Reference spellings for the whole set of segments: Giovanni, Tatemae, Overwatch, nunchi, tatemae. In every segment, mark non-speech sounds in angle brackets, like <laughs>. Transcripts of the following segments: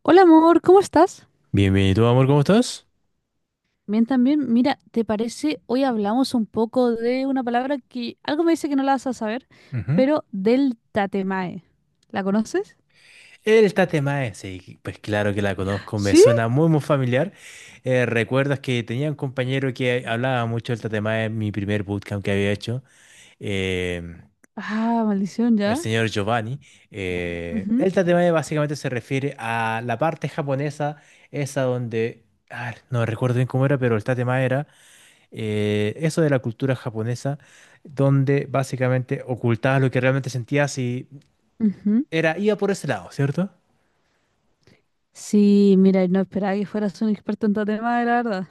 Hola amor, ¿cómo estás? Bienvenido, amor, ¿cómo estás? Bien, también. Mira, ¿te parece? Hoy hablamos un poco de una palabra que algo me dice que no la vas a saber, Ujú. pero del tatemae. ¿La conoces? Esta tema sí, pues claro que la conozco, me ¿Sí? suena muy, muy familiar. ¿Recuerdas que tenía un compañero que hablaba mucho del Tatemae en mi primer bootcamp que había hecho? em, Ah, maldición, el ya. señor Giovanni. Ujú, El tatemae básicamente se refiere a la parte japonesa, esa donde, a no recuerdo bien cómo era, pero el tatemae era eso de la cultura japonesa, donde básicamente ocultabas lo que realmente sentías. Y ujú. era, iba por ese lado, ¿cierto? Sí, mira, no esperaba que fueras un experto en tatemae, la verdad.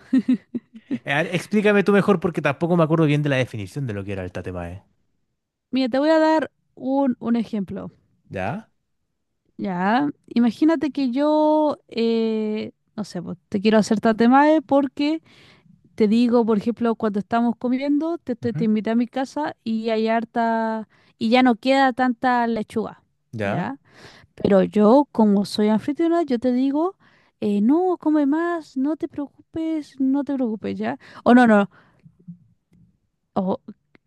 A ver, explícame tú mejor porque tampoco me acuerdo bien de la definición de lo que era el tatemae. Mira, te voy a dar un ejemplo. ¿Ya? Ya, imagínate que yo, no sé, pues, te quiero hacer tatemae porque te digo, por ejemplo, cuando estamos comiendo, te Ujú. invité a mi casa y hay harta, y ya no queda tanta lechuga, ¿Ya? ¿ya? Pero yo, como soy anfitriona, yo te digo, no, come más, no te preocupes, no te preocupes, ¿ya? O no, no, o,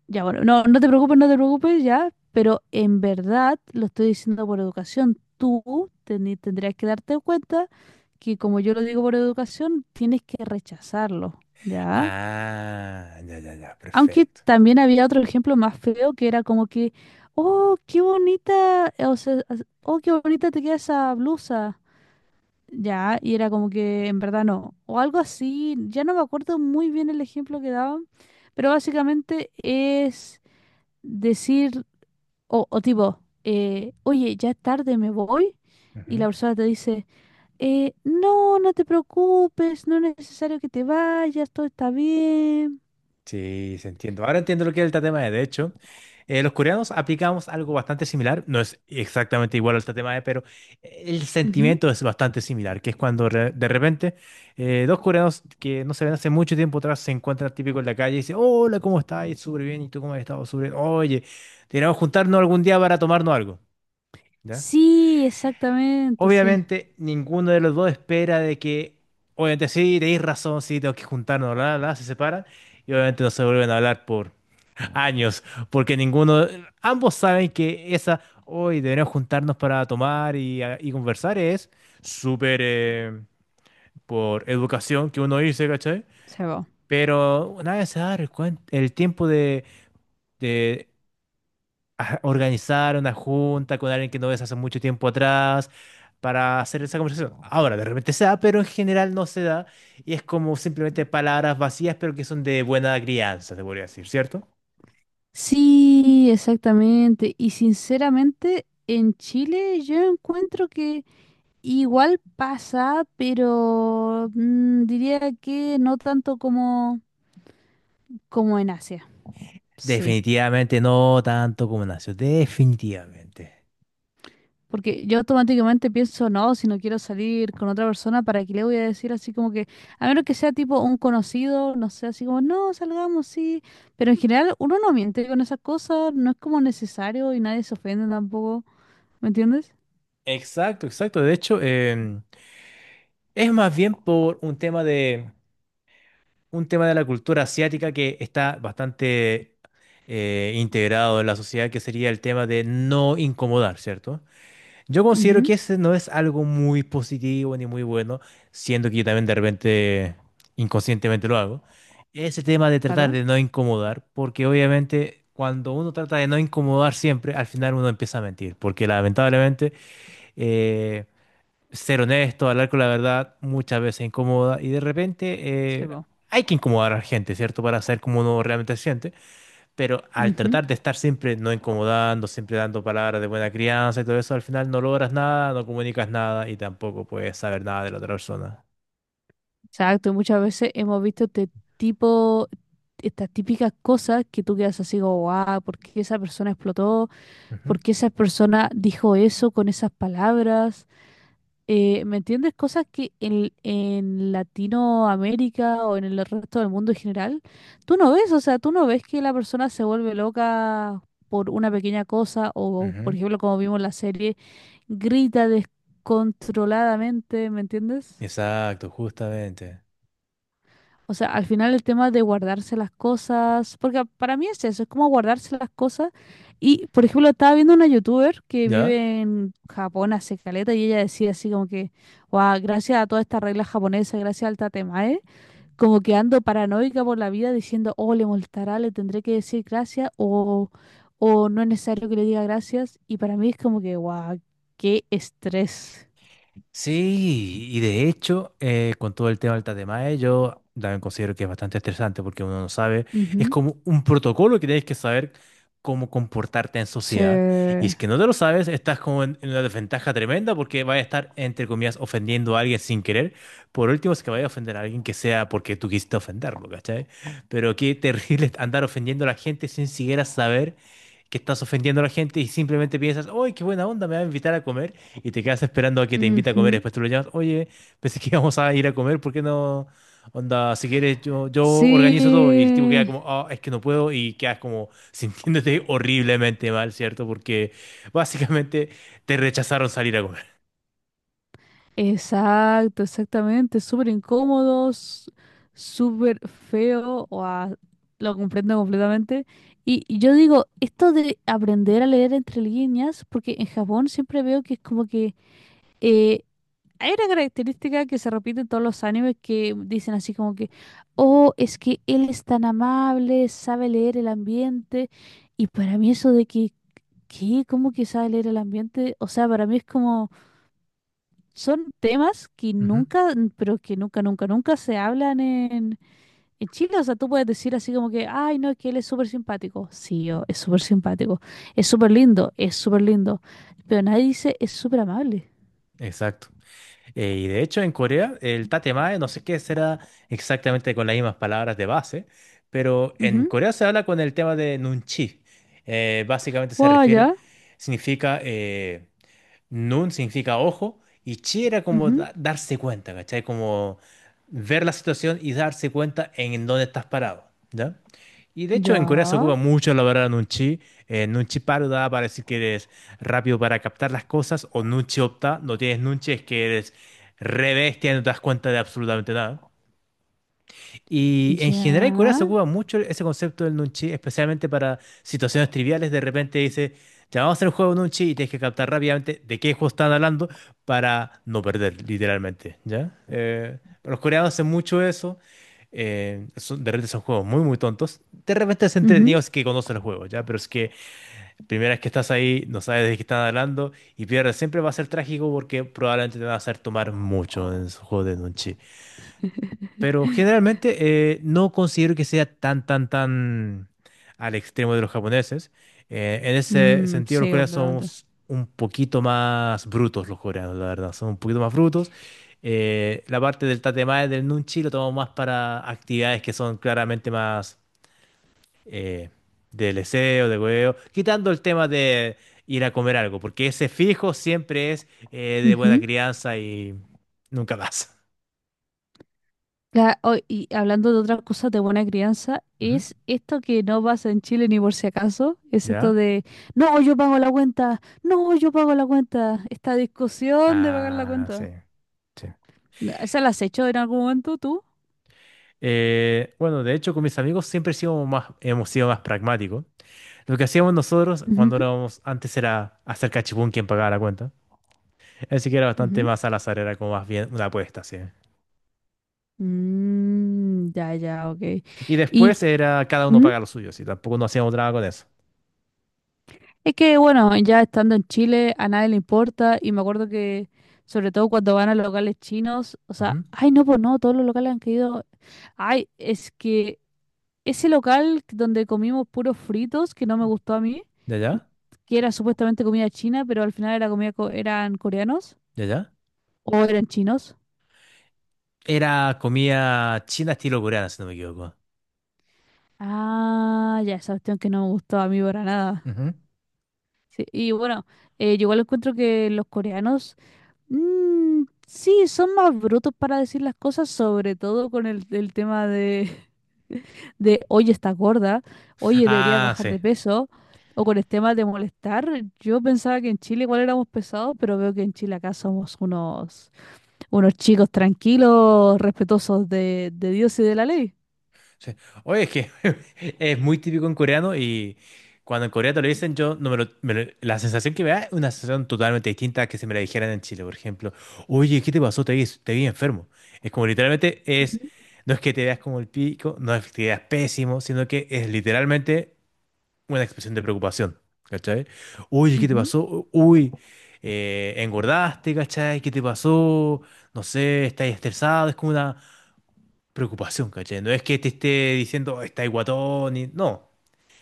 ya, bueno, no, no te preocupes, no te preocupes, ¿ya? Pero en verdad, lo estoy diciendo por educación, tendrías que darte cuenta que como yo lo digo por educación, tienes que rechazarlo, ¿ya? Ah, ya, ya, ya, Aunque perfecto. también había otro ejemplo más feo que era como que, oh, qué bonita, o sea, oh, qué bonita te queda esa blusa. Ya, y era como que en verdad no. O algo así, ya no me acuerdo muy bien el ejemplo que daban, pero básicamente es decir, o tipo, oye, ya es tarde, me voy. Y la persona te dice, no, no te preocupes, no es necesario que te vayas, todo está bien. Sí, se entiendo. Ahora entiendo lo que es el tatema de. De hecho, los coreanos aplicamos algo bastante similar. No es exactamente igual al tatema de, pero el Ujú. sentimiento es bastante similar, que es cuando de repente dos coreanos que no se ven hace mucho tiempo atrás se encuentran típico en la calle y dicen, hola, ¿cómo estás? Súper bien. ¿Y tú cómo has estado? Súper bien. Oye, deberíamos juntarnos algún día para tomarnos algo. ¿Ya? Sí, exactamente, sí, Obviamente, ninguno de los dos espera de que, obviamente, sí, tenéis razón, sí, tengo que juntarnos, bla, bla, bla, se separan y obviamente no se vuelven a hablar por años, porque ninguno, ambos saben que esa, hoy deberíamos juntarnos para tomar y conversar, es súper por educación que uno dice, ¿cachai? se va. Pero nadie se da el tiempo de organizar una junta con alguien que no ves hace mucho tiempo atrás para hacer esa conversación. Ahora, de repente se da, pero en general no se da y es como simplemente palabras vacías, pero que son de buena crianza, te podría decir, ¿cierto? Sí, exactamente. Y sinceramente, en Chile yo encuentro que igual pasa, pero mm, diría que no tanto como, como en Asia. Sí. Definitivamente no tanto como nació, definitivamente. Porque yo automáticamente pienso, no, si no quiero salir con otra persona, ¿para qué le voy a decir así como que, a menos que sea tipo un conocido, no sé, así como, no, salgamos, sí? Pero en general uno no miente con esas cosas, no es como necesario y nadie se ofende tampoco, ¿me entiendes? Exacto, exacto. De hecho, es más bien por un tema de la cultura asiática que está bastante integrado en la sociedad, que sería el tema de no incomodar, ¿cierto? Yo considero Ujú, que ese no es algo muy positivo ni muy bueno, siendo que yo también de repente inconscientemente lo hago. Ese tema de tratar claro, de no incomodar, porque obviamente cuando uno trata de no incomodar siempre, al final uno empieza a mentir, porque lamentablemente eh, ser honesto, hablar con la verdad, muchas veces incomoda y de repente se va. hay que incomodar a la gente, ¿cierto? Para saber cómo uno realmente se siente. Pero al Ujú. tratar de estar siempre no incomodando, siempre dando palabras de buena crianza y todo eso, al final no logras nada, no comunicas nada y tampoco puedes saber nada de la otra persona. Exacto, y muchas veces hemos visto este tipo, estas típicas cosas que tú quedas así como, wow, ¿por qué esa persona explotó? Ujú. ¿Por qué esa persona dijo eso con esas palabras? ¿Me entiendes? Cosas que en Latinoamérica o en el resto del mundo en general, tú no ves, o sea, tú no ves que la persona se vuelve loca por una pequeña cosa o, por Ujú. ejemplo, como vimos en la serie, grita descontroladamente, ¿me entiendes? Exacto, justamente. O sea, al final el tema de guardarse las cosas, porque para mí es eso, es como guardarse las cosas. Y, por ejemplo, estaba viendo una youtuber que Ya. vive en Japón hace caleta y ella decía así como que, wow, gracias a toda esta regla japonesa, gracias al tatemae, como que ando paranoica por la vida diciendo, oh, le molestará, le tendré que decir gracias o no es necesario que le diga gracias. Y para mí es como que, wow, qué estrés. Sí, y de hecho, con todo el tema del tatemae, yo también considero que es bastante estresante porque uno no sabe, es Ujú. como un protocolo que tienes que saber cómo comportarte en sociedad. Y Sí. es que no te lo sabes, estás como en una desventaja tremenda porque vas a estar, entre comillas, ofendiendo a alguien sin querer. Por último, si es que vaya a ofender a alguien que sea porque tú quisiste ofenderlo, ¿cachai? Pero qué terrible <laughs> andar ofendiendo a la gente sin siquiera saber que estás ofendiendo a la gente y simplemente piensas, ¡ay, qué buena onda! Me va a invitar a comer y te quedas esperando a que te invite a comer. Ujú. Después tú lo llamas, oye, pensé que íbamos a ir a comer, ¿por qué no? Onda, si quieres, yo organizo todo. Y el tipo queda Sí. como, ah, es que no puedo. Y quedas como <laughs> sintiéndote horriblemente mal, ¿cierto? Porque básicamente te rechazaron salir a comer. Exacto, exactamente. Súper incómodos, súper feo. Guau, lo comprendo completamente. Y yo digo, esto de aprender a leer entre líneas, porque en Japón siempre veo que es como que eh, hay una característica que se repite en todos los animes que dicen así como que, oh, es que él es tan amable, sabe leer el ambiente. Y para mí eso de que, ¿qué? ¿Cómo que sabe leer el ambiente? O sea, para mí es como son temas que Ujú. nunca, pero que nunca, nunca, nunca se hablan en Chile. O sea, tú puedes decir así como que, ay, no, es que él es súper simpático. Sí, es súper simpático. Es súper lindo, es súper lindo. Pero nadie dice, es súper amable. Exacto. Y de hecho, en Corea, el tatemae, no sé qué será exactamente con las mismas palabras de base, pero en Ujú. Corea se habla con el tema de nunchi. Básicamente se Guau, refiere, ya. significa, nun significa ojo, y chi era como Ujú. Darse cuenta, ¿cachai? Como ver la situación y darse cuenta en dónde estás parado, ¿ya? Y de hecho en Corea se Ya. ocupa mucho la palabra nunchi. Nunchi paruda para decir que eres rápido para captar las cosas o nunchi opta. No tienes nunchi es que eres Rebestia, no te das cuenta de absolutamente nada. Y en general en Corea se Ya. ocupa mucho ese concepto del nunchi, especialmente para situaciones triviales. De repente dice, ya vamos a hacer un juego de nunchi y tienes que captar rápidamente de qué juego están hablando para no perder, literalmente, ¿ya? Los coreanos hacen mucho eso. De repente son juegos muy, muy tontos. De repente es Ujú. entretenido si es que conocen los juegos, ¿ya? Pero es que primera vez que estás ahí, no sabes de qué están hablando y pierdes. Siempre va a ser trágico porque probablemente te va a hacer tomar mucho en esos juegos de nunchi. Pero <laughs> generalmente no considero que sea tan, tan, tan al extremo de los japoneses. En ese Mm, sentido, los sí, coreanos completamente. somos un poquito más brutos, los coreanos, la verdad. Son un poquito más brutos. La parte del tatemae, del nunchi, lo tomamos más para actividades que son claramente más eh, de leseo, de hueveo. Quitando el tema de ir a comer algo, porque ese fijo siempre es de buena crianza y nunca más. Oh, y hablando de otras cosas de buena crianza, Ujú. es esto que no pasa en Chile ni por si acaso, es esto ¿Ya? de, no, yo pago la cuenta, no, yo pago la cuenta, esta discusión de pagar la Ah, sí, cuenta. sí. ¿Esa la has hecho en algún momento tú? Bueno, de hecho, con mis amigos siempre sido más, hemos sido más pragmáticos. Lo que hacíamos nosotros cuando Ujú, éramos antes era hacer cachipún quien pagaba la cuenta. Así que era bastante ujú. más al azar, era como más bien una apuesta, sí. Mm, ya, ya, ok. Y Y después era cada uno mm, paga lo suyo, sí. Tampoco no hacíamos nada con eso. es que, bueno, ya estando en Chile a nadie le importa y me acuerdo que, sobre todo cuando van a locales chinos, o sea, Ujú. ay, no, pues no, todos los locales han caído. Ay, es que... Ese local donde comimos puros fritos, que no me gustó a mí, ¿Ya, ya? que era supuestamente comida china, pero al final era eran coreanos ¿Ya, ya? o eran chinos. Era comida china estilo coreana, si no me equivoco. Ah, ya, esa cuestión que no me gustó a mí para nada. Ujú. Sí, y bueno, yo igual encuentro que los coreanos mm, sí, son más brutos para decir las cosas, sobre todo el tema de, <laughs> de, oye, estás gorda, oye, deberías Ah, bajar sí. de peso, o con el tema de molestar. Yo pensaba que en Chile igual éramos pesados, pero veo que en Chile acá somos unos, unos chicos tranquilos, respetuosos de Dios y de la ley. Sí. Oye, es que <laughs> es muy típico en coreano y cuando en Corea te lo dicen, yo no me lo, la sensación que me da es una sensación totalmente distinta a que se me la dijeran en Chile, por ejemplo. Oye, ¿qué te pasó? Te vi enfermo. Es como literalmente es, Ujú, no es que te veas como el pico, no es que te veas pésimo, sino que es literalmente una expresión de preocupación, ¿cachai? Oye, ¿qué te ujú, pasó? Uy, engordaste, ¿cachai? ¿Qué te pasó? No sé, estás estresado, es como una preocupación, ¿cachai? No es que te esté diciendo, "Oh, está ahí guatón, y... no.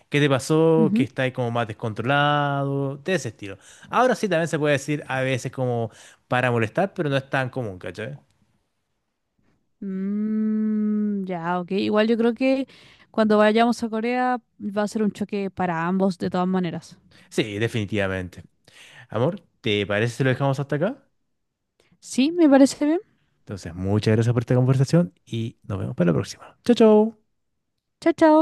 ¿Qué te pasó? Que ujú. está ahí como más descontrolado, de ese estilo. Ahora sí también se puede decir a veces como para molestar, pero no es tan común, ¿cachai? Mm, ya, ok. Igual yo creo que cuando vayamos a Corea va a ser un choque para ambos de todas maneras. Sí, definitivamente. Amor, ¿te parece si lo dejamos hasta acá? Sí, me parece bien. Entonces, muchas gracias por esta conversación y nos vemos para la próxima. Chao, chao. Chao, chao.